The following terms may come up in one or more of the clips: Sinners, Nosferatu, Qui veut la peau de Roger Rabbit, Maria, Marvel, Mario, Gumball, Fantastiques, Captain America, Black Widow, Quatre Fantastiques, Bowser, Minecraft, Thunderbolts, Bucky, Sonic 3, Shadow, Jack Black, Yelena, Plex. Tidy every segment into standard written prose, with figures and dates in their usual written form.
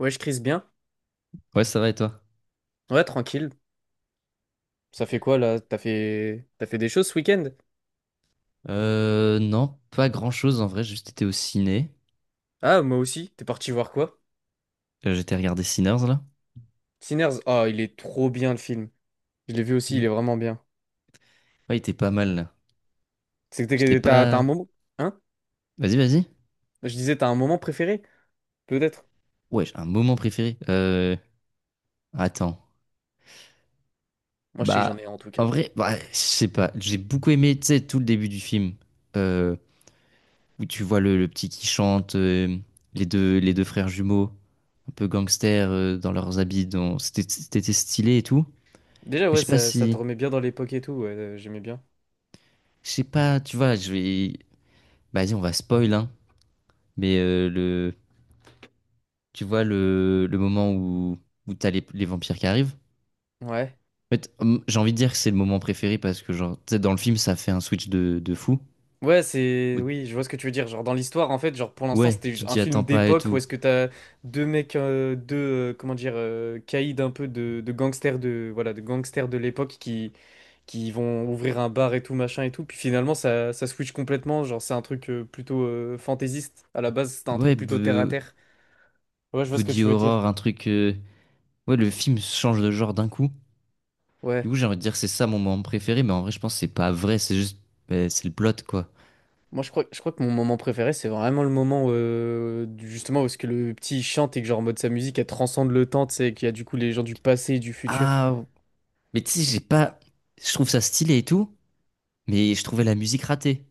Ouais, je crise bien. Ouais, ça va et toi? Ouais, tranquille. Ça fait quoi là? T'as fait des choses ce week-end? Non, pas grand-chose en vrai, j'ai juste été au ciné. Ah, moi aussi. T'es parti voir quoi? J'étais regardé Sinners là. Sinners. Ah, il est trop bien le film. Je l'ai vu aussi, il Ouais, est vraiment bien. Ouais, il était pas mal là. C'est que J'étais t'as un pas. moment. Hein? Vas-y, vas-y. Je disais, t'as un moment préféré? Peut-être. Ouais, j'ai un moment préféré. Attends. Moi, je sais que j'en ai Bah, un en tout cas. en vrai, bah, je sais pas. J'ai beaucoup aimé, tu sais, tout le début du film. Euh, Où tu vois le petit qui chante, les deux frères jumeaux, un peu gangsters dans leurs habits. Dans... C'était stylé et tout. Déjà, Mais je ouais, sais pas ça te si. remet bien dans l'époque et tout. Ouais, j'aimais bien. Je sais pas, tu vois, je vais. Bah, vas-y, on va spoil, hein. Mais tu vois le moment où t'as les vampires qui arrivent. Ouais. En fait, j'ai envie de dire que c'est le moment préféré parce que, genre, tu sais, dans le film, ça fait un switch de fou. Ouais, c'est... Où- Oui, je vois ce que tu veux dire. Genre, dans l'histoire, en fait, genre, pour l'instant, Ouais, c'était juste tu un t'y attends film pas et d'époque où tout. est-ce que t'as deux mecs, deux, comment dire, caïds un peu de, gangsters de... Voilà, de gangsters de l'époque qui vont ouvrir un bar et tout, machin et tout. Puis finalement, ça switch complètement. Genre, c'est un truc plutôt fantaisiste. À la base, c'était un Ouais, truc plutôt terre-à-terre. Ouais, je vois ce que Body tu veux dire. Horror, un truc. Ouais, le film change de genre d'un coup. Du Ouais. coup, j'ai envie de dire que c'est ça mon moment préféré, mais en vrai, je pense que c'est pas vrai, c'est juste. C'est le plot, quoi. Moi, je crois que mon moment préféré, c'est vraiment le moment justement où est-ce que le petit il chante et que genre en mode sa musique, elle transcende le temps, tu sais, et qu'il y a du coup les gens du passé et du futur. Ah, mais tu sais, j'ai pas. Je trouve ça stylé et tout, mais je trouvais la musique ratée.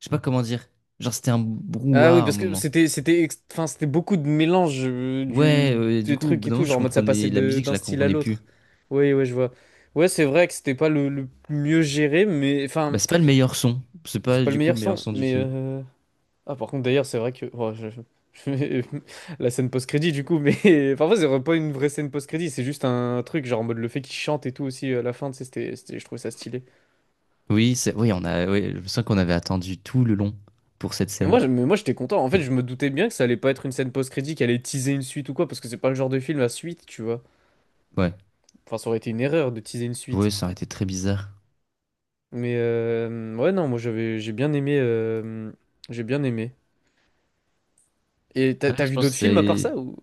Je sais pas comment dire. Genre, c'était un Ah oui, brouhaha à un parce que moment. c'était enfin c'était beaucoup de mélange du Ouais, du des coup, au trucs bout et d'un tout, moment, je genre en mode ça passait comprenais la de musique, je d'un la style à comprenais plus. l'autre. Oui, ouais, je vois. Ouais, c'est vrai que c'était pas le mieux géré, mais Bah, enfin, c'est pas le meilleur son. C'est c'est pas pas le du coup meilleur le meilleur son, son du mais film. Ah par contre d'ailleurs, c'est vrai que oh, je- la scène post-crédit du coup, mais parfois c'est pas une vraie scène post-crédit, c'est juste un truc genre en mode le fait qu'il chante et tout aussi à la fin, tu sais, je trouvais ça stylé. Oui, c'est, oui, on a, ouais, je me sens qu'on avait attendu tout le long pour cette Mais moi, scène. je- mais moi j'étais content. En fait, C'est- je me doutais bien que ça allait pas être une scène post-crédit qui allait teaser une suite ou quoi, parce que c'est pas le genre de film à suite, tu vois. Ouais, Enfin, ça aurait été une erreur de teaser une suite. ouais, ça aurait été très bizarre. Mais ouais, non, moi j'ai bien aimé. J'ai bien aimé. Et t'as, Ouais, t'as je vu pense que d'autres films à part c'est. ça ou...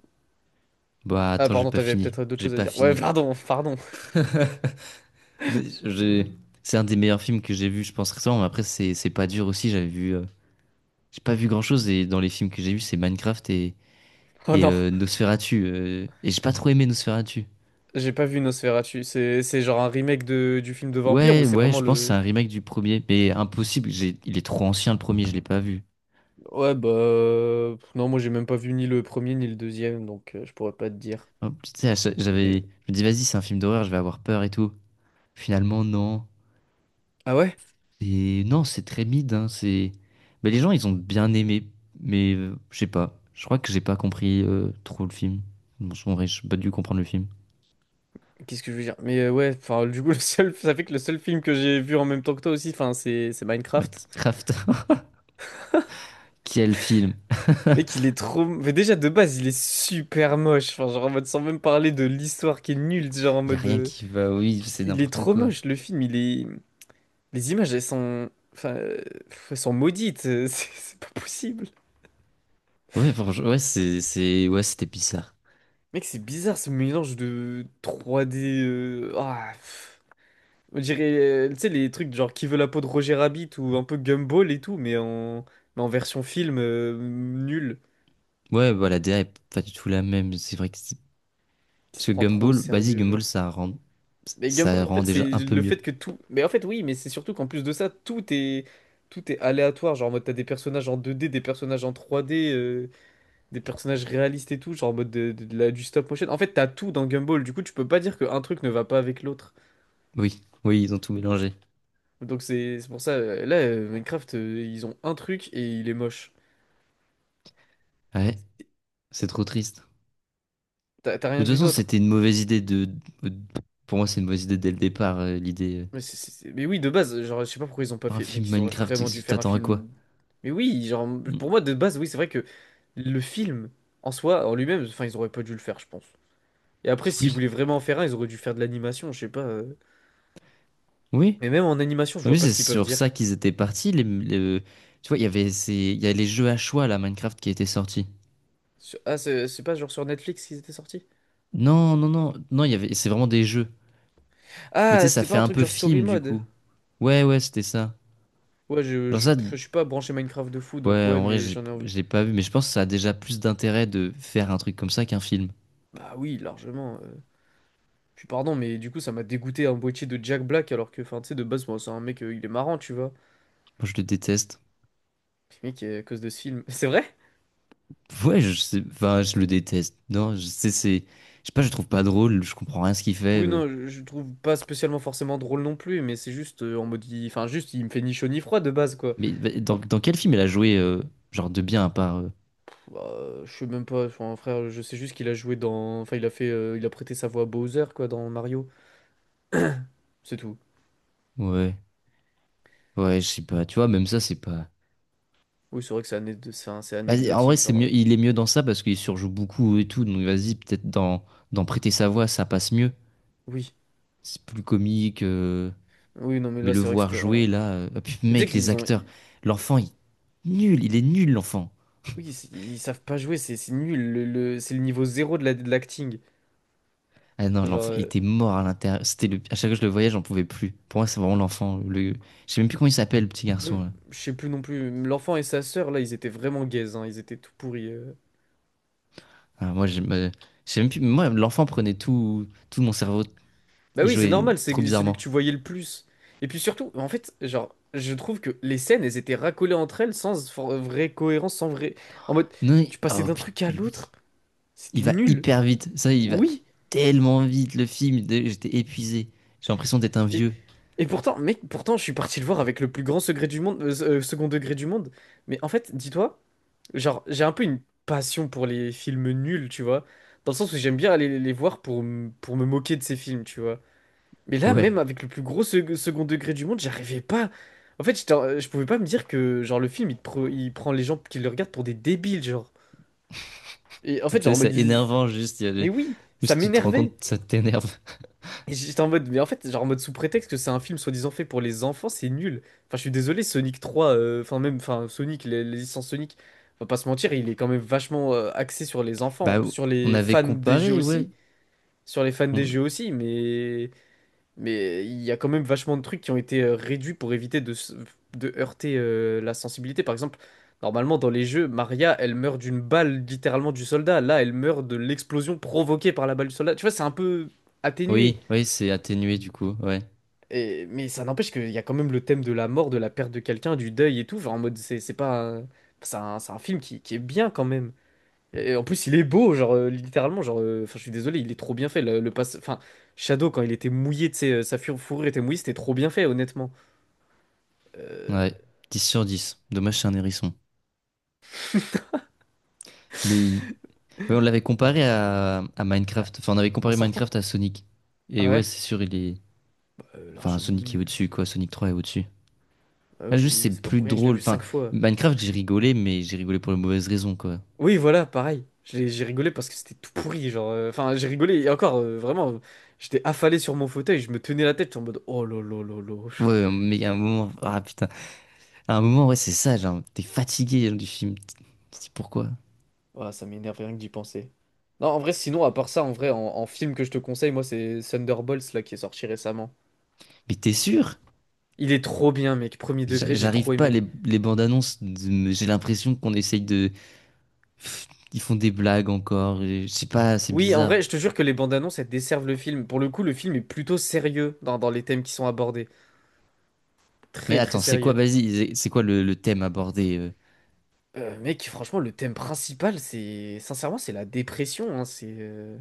Bah, Ah, attends, j'ai pardon, pas t'avais fini. peut-être d'autres J'ai choses à pas dire. Ouais, fini. pardon, pardon. J'ai- C'est un des meilleurs films que j'ai vu, je pense récemment. Mais après, c'est pas dur aussi. J'avais vu, j'ai pas vu grand-chose et dans les films que j'ai vus, c'est Minecraft et Oh non, Nosferatu. Et j'ai pas trop aimé Nosferatu. j'ai pas vu Nosferatu. C'est genre un remake du film de vampire ou Ouais, c'est ouais, vraiment je pense que c'est le. un remake du premier, mais impossible, il est trop ancien le premier, je l'ai pas vu. Ouais, bah. Non, moi j'ai même pas vu ni le premier ni le deuxième, donc je pourrais pas te dire. Hop, tu sais, Mais- euh, je me dis vas-y, c'est un film d'horreur, je vais avoir peur et tout. Finalement, non. Ah ouais? Et non, c'est très mid, hein, c'est... Mais les gens, ils ont bien aimé, mais je sais pas, je crois que j'ai pas compris trop le film. Bon, en vrai, j'ai pas dû comprendre le film. Qu'est-ce que je veux dire? Mais ouais, enfin, du coup, le seul, ça fait que le seul film que j'ai vu en même temps que toi aussi, enfin, c'est Minecraft. Minecraft, quel film! Mec, il est trop... Mais déjà, de base, il est super moche. Enfin, genre, en mode, sans même parler de l'histoire qui est nulle. Genre, en Y a mode... rien qui va, oui, c'est Il est n'importe trop quoi. moche, le film. Il est... Les images, elles sont... Enfin, elles sont maudites. C'est pas possible. Ouais, franchement, ouais, ouais, c'était bizarre. Mec, c'est bizarre, ce mélange de 3D... Ah, pff. On dirait, tu sais, les trucs genre Qui veut la peau de Roger Rabbit ou un peu Gumball et tout, mais en version film, nul. Ouais, voilà, la DA est pas du tout la même. C'est vrai que Qui se parce que prend trop au Gumball, vas-y, sérieux, Gumball, genre. ça rend, Mais Gumball, ça en rend fait, c'est déjà un peu le mieux. fait que tout. Mais en fait, oui, mais c'est surtout qu'en plus de ça, tout est aléatoire. Genre, en mode, t'as des personnages en 2D, des personnages en 3D, des personnages réalistes et tout. Genre, en mode du stop motion. En fait, t'as tout dans Gumball. Du coup, tu peux pas dire qu'un truc ne va pas avec l'autre. Oui, oui, ils ont tout mélangé. Donc, c'est pour ça. Là, Minecraft, ils ont un truc et il est moche. Ouais, c'est trop triste. T'as rien Mais de vu toute façon, d'autre. c'était une mauvaise idée de... Pour moi, c'est une mauvaise idée dès le départ, l'idée... Mais, mais oui, de base, genre, je sais pas pourquoi ils ont pas Un fait. film Mec, ils auraient Minecraft, vraiment dû tu faire un t'attends à quoi? film. Mais oui, genre, Mm. pour moi, de base, oui, c'est vrai que le film, en soi, en lui-même, enfin, ils auraient pas dû le faire, je pense. Et après, s'ils Oui, voulaient vraiment en faire un, ils auraient dû faire de l'animation, je sais pas. Oui. Mais même en animation, je vois Oui, pas c'est ce qu'ils peuvent sur ça dire. qu'ils étaient partis. Tu vois, il y avait ces... il y a les jeux à choix, là, Minecraft, qui étaient sortis. Ah, c'est pas genre sur Netflix qu'ils étaient sortis? Non, non, non, non, il y avait... c'est vraiment des jeux. Mais tu Ah, sais, c'était ça pas fait un un truc peu genre story film, du mode. coup. Ouais, ouais, c'était ça. Ouais, Dans ça, je suis pas branché Minecraft de fou, donc ouais, ouais, en vrai, mais j'ai j'en ai envie. j'ai pas vu, mais je pense que ça a déjà plus d'intérêt de faire un truc comme ça qu'un film. Bah oui, largement. Puis pardon, mais du coup, ça m'a dégoûté un boîtier de Jack Black, alors que, enfin, tu sais, de base, moi, c'est un mec, il est marrant, tu vois. Moi, je le déteste. Le mec, à cause de ce film. C'est vrai? Ouais, je sais, enfin, je le déteste. Non, je sais, c'est, je sais pas, je le trouve pas drôle, je comprends rien à ce qu'il fait. Oui, non, je le trouve pas spécialement forcément drôle non plus, mais c'est juste en mode. Enfin, juste, il me fait ni chaud ni froid de base, quoi. Mais bah, dans quel film elle a joué, genre de bien à part, Bah, je sais même pas, enfin, frère, je sais juste qu'il a joué dans. Enfin, il a fait. Il a prêté sa voix à Bowser, quoi, dans Mario. C'est tout. ouais, ouais, je sais pas, tu vois, même ça, c'est pas. Oui, c'est vrai que c'est ané- c'est un- c'est Vas-y, en vrai, anecdotique, c'est genre. Mieux, il est mieux dans ça parce qu'il surjoue beaucoup et tout, donc vas-y, peut-être dans, dans Prêter sa voix, ça passe mieux. Oui. C'est plus comique. Oui, non, mais Mais là, le c'est vrai que voir c'était vraiment. jouer là, ah, puis Mais tu sais mec, les qu'ils ont. acteurs, l'enfant, il est nul l'enfant. Oui, ils savent pas jouer, c'est nul. C'est le niveau zéro de l'acting. Ah non, Genre, l'enfant, il était mort à l'intérieur. C'était le... À chaque fois que je le voyais, j'en pouvais plus. Pour moi, c'est vraiment l'enfant. Le... Je sais même plus comment il s'appelle, le petit garçon, même- là. je sais plus non plus. L'enfant et sa sœur, là, ils étaient vraiment gays, hein, ils étaient tout pourris. Ah, moi, je sais même plus... moi, l'enfant prenait tout mon cerveau. Bah Il oui, c'est jouait normal, trop c'est celui que bizarrement. tu voyais le plus. Et puis surtout, en fait, genre, je trouve que les scènes, elles étaient racolées entre elles sans vraie cohérence, sans vrai. En mode, Non, tu passais oh d'un putain, truc à mais oui. l'autre, c'était Il va nul. hyper vite. Ça, il va Oui. tellement vite, le film. J'étais épuisé. J'ai l'impression d'être un Et, vieux. et pourtant, mec, pourtant, je suis parti le voir avec le plus grand secret du monde, second degré du monde. Mais en fait, dis-toi. Genre, j'ai un peu une passion pour les films nuls, tu vois. Dans le sens où j'aime bien aller les voir pour me moquer de ces films, tu vois. Mais là, même Ouais. avec le plus gros second degré du monde, j'arrivais pas. En fait, je pouvais pas me dire que, genre, le film, il prend les gens qui le regardent pour des débiles, genre. Et en Tu fait, genre, sais, on me c'est dit... énervant, juste. Il y a Mais des- oui, ça Juste, tu te rends m'énervait. compte, ça t'énerve. Et j'étais en mode, mais en fait, genre en mode sous prétexte que c'est un film soi-disant fait pour les enfants, c'est nul. Enfin, je suis désolé, Sonic 3, enfin même, enfin Sonic, les licences Sonic, on va pas se mentir, il est quand même vachement axé sur les enfants, Bah, sur on les avait fans des jeux comparé, aussi, ouais. sur les fans des On- jeux aussi, mais mais il y a quand même vachement de trucs qui ont été réduits pour éviter de heurter la sensibilité. Par exemple, normalement dans les jeux, Maria, elle meurt d'une balle littéralement du soldat. Là, elle meurt de l'explosion provoquée par la balle du soldat. Tu vois, c'est un peu atténué Oui, oui, c'est atténué du coup, ouais. Mais ça n'empêche qu'il y a quand même le thème de la mort, de la perte de quelqu'un, du deuil et tout. Genre en mode, c'est pas. C'est un film qui est bien quand même. Et en plus, il est beau, genre littéralement. Genre, enfin, je suis désolé, il est trop bien fait. Le passe, enfin, Shadow, quand il était mouillé, tu sais, sa fourrure était mouillée, c'était trop bien fait, honnêtement. Euh, Ouais, 10/10. Dommage, c'est un hérisson. Mais ouais, on l'avait comparé à Minecraft. Enfin, on avait En comparé sortant? Minecraft à Sonic. Ah Et ouais, ouais? c'est sûr, il est. Enfin, Largement Sonic est mieux. au-dessus, quoi. Sonic 3 est au-dessus. Ah Là, juste, oui, c'est c'est pas plus pour rien que je l'ai drôle. vu Enfin, cinq fois. Minecraft, j'ai rigolé, mais j'ai rigolé pour les mauvaises raisons, quoi. Oui, voilà, pareil. J'ai rigolé parce que c'était tout pourri, genre. Enfin, j'ai rigolé et encore, vraiment, j'étais affalé sur mon fauteuil, je me tenais la tête en mode oh là là là là. Ouais, mais il y a un moment. Ah putain. À un moment, ouais, c'est ça, genre, t'es fatigué genre, du film. Tu te dis pourquoi? Voilà, ça m'énerve rien que d'y penser. Non, en vrai, sinon, à part ça, en vrai, en film que je te conseille, moi, c'est Thunderbolts là qui est sorti récemment. Mais t'es sûr? Il est trop bien, mec. Premier degré, j'ai J'arrive trop pas, aimé. les bandes annonces, j'ai l'impression qu'on essaye de. Pff, ils font des blagues encore, et je sais pas, c'est Oui, en bizarre. vrai, je te jure que les bandes annonces, elles desservent le film. Pour le coup, le film est plutôt sérieux dans les thèmes qui sont abordés. Mais Très, très attends, c'est quoi, sérieux. vas-y, c'est quoi le thème abordé? Mec, franchement, le thème principal, c'est... Sincèrement, c'est la dépression, hein, c'est...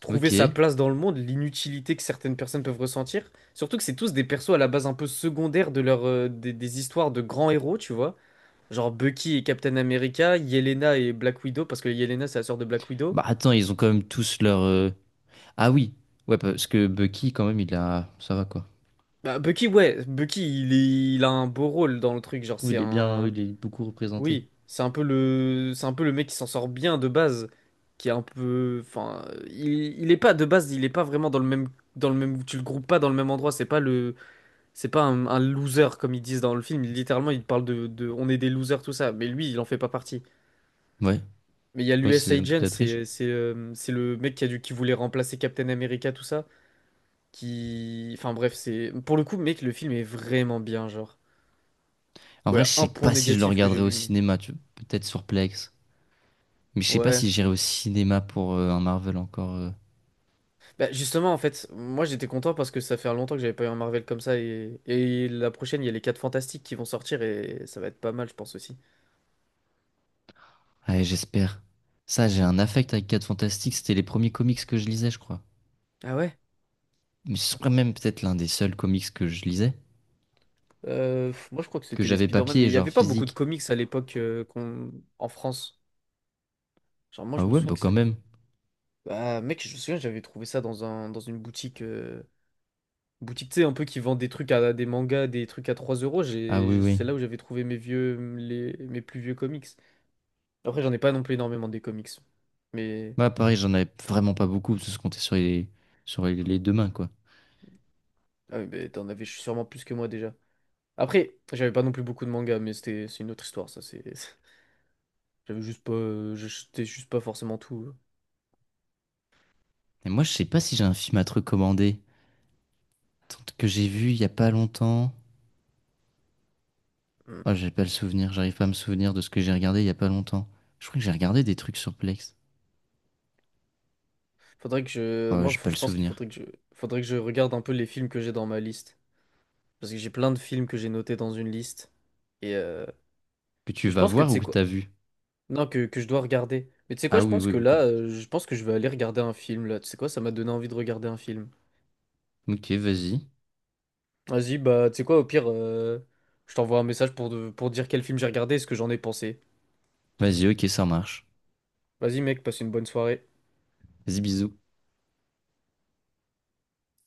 trouver Ok. sa place dans le monde, l'inutilité que certaines personnes peuvent ressentir. Surtout que c'est tous des persos à la base un peu secondaires de des histoires de grands héros, tu vois. Genre Bucky et Captain America, Yelena et Black Widow, parce que Yelena c'est la sœur de Black Widow. Bah attends, ils ont quand même tous leur. Ah oui, ouais, parce que Bucky, quand même, il a. Ça va quoi. Bah, Bucky, ouais, Bucky il a un beau rôle dans le truc, Je genre trouve c'est il est bien, un... il est beaucoup représenté. Oui, c'est un peu le mec qui s'en sort bien de base, qui est un peu... Enfin, il est pas de base, il est pas vraiment dans le même... Dans le même, tu le groupes pas dans le même endroit, c'est pas le. C'est pas un loser comme ils disent dans le film. Littéralement, ils parlent. On est des losers, tout ça. Mais lui, il en fait pas partie. Ouais, Mais il y a ouais, l'US c'est un peu de Agent, la triche. C'est le mec qui voulait remplacer Captain America, tout ça. Qui, enfin bref, c'est pour le coup, mec, le film est vraiment bien, genre. En Bon, il y vrai, je a un sais point pas si je le négatif que j'ai regarderai au vu, mais cinéma, tu... peut-être sur Plex. Mais je sais pas ouais. si j'irai au cinéma pour un Marvel encore. Bah justement, en fait, moi j'étais content parce que ça fait longtemps que j'avais pas eu un Marvel comme ça et la prochaine, il y a les 4 Fantastiques qui vont sortir et ça va être pas mal, je pense aussi. Ouais, j'espère. Ça, j'ai un affect avec Quatre Fantastiques. C'était les premiers comics que je lisais, je crois. Ah ouais? Mais ce serait même peut-être l'un des seuls comics que je lisais. Moi, je crois que Que c'était les j'avais Spider-Man, mais papier, il n'y avait genre pas beaucoup de physique. comics à l'époque en France. Genre, moi, Ah je me ouais, souviens bah que quand c'est- même. Bah, mec, je me souviens, j'avais trouvé ça dans une boutique. Boutique, tu sais, un peu qui vend des trucs à des mangas, des trucs à 3 euros. Ah oui, J'ai... oui. C'est là où j'avais trouvé mes plus vieux comics. Après, j'en ai pas non plus énormément des comics. Mais. Moi, pareil, j'en avais vraiment pas beaucoup, parce que je comptais sur les deux mains, quoi. Ah oui, mais t'en avais sûrement plus que moi déjà. Après, j'avais pas non plus beaucoup de mangas, mais c'est une autre histoire, ça. C'est... J'avais juste pas. J'étais juste pas forcément tout. Et moi, je sais pas si j'ai un film à te recommander. Attends, que j'ai vu il y a pas longtemps. euh. Oh, j'ai pas le souvenir. J'arrive pas à me souvenir de ce que j'ai regardé il y a pas longtemps. Je crois que j'ai regardé des trucs sur Plex. Faudrait que je, Oh, moi, j'ai faut- pas le Je pense qu'il souvenir. faudrait faudrait que je regarde un peu les films que j'ai dans ma liste, parce que j'ai plein de films que j'ai notés dans une liste, et Que tu je vas pense que tu voir ou sais que quoi, t'as vu? non, que je dois regarder. Mais tu sais quoi, Ah je oui, pense oui, que beaucoup. Je vais aller regarder un film là. Tu sais quoi, ça m'a donné envie de regarder un film. Ok, vas-y. Vas-y, bah, tu sais quoi, au pire, je t'envoie un message pour dire quel film j'ai regardé et ce que j'en ai pensé. Vas-y, ok, ça marche. Vas-y, mec, passe une bonne soirée. Vas-y, bisous.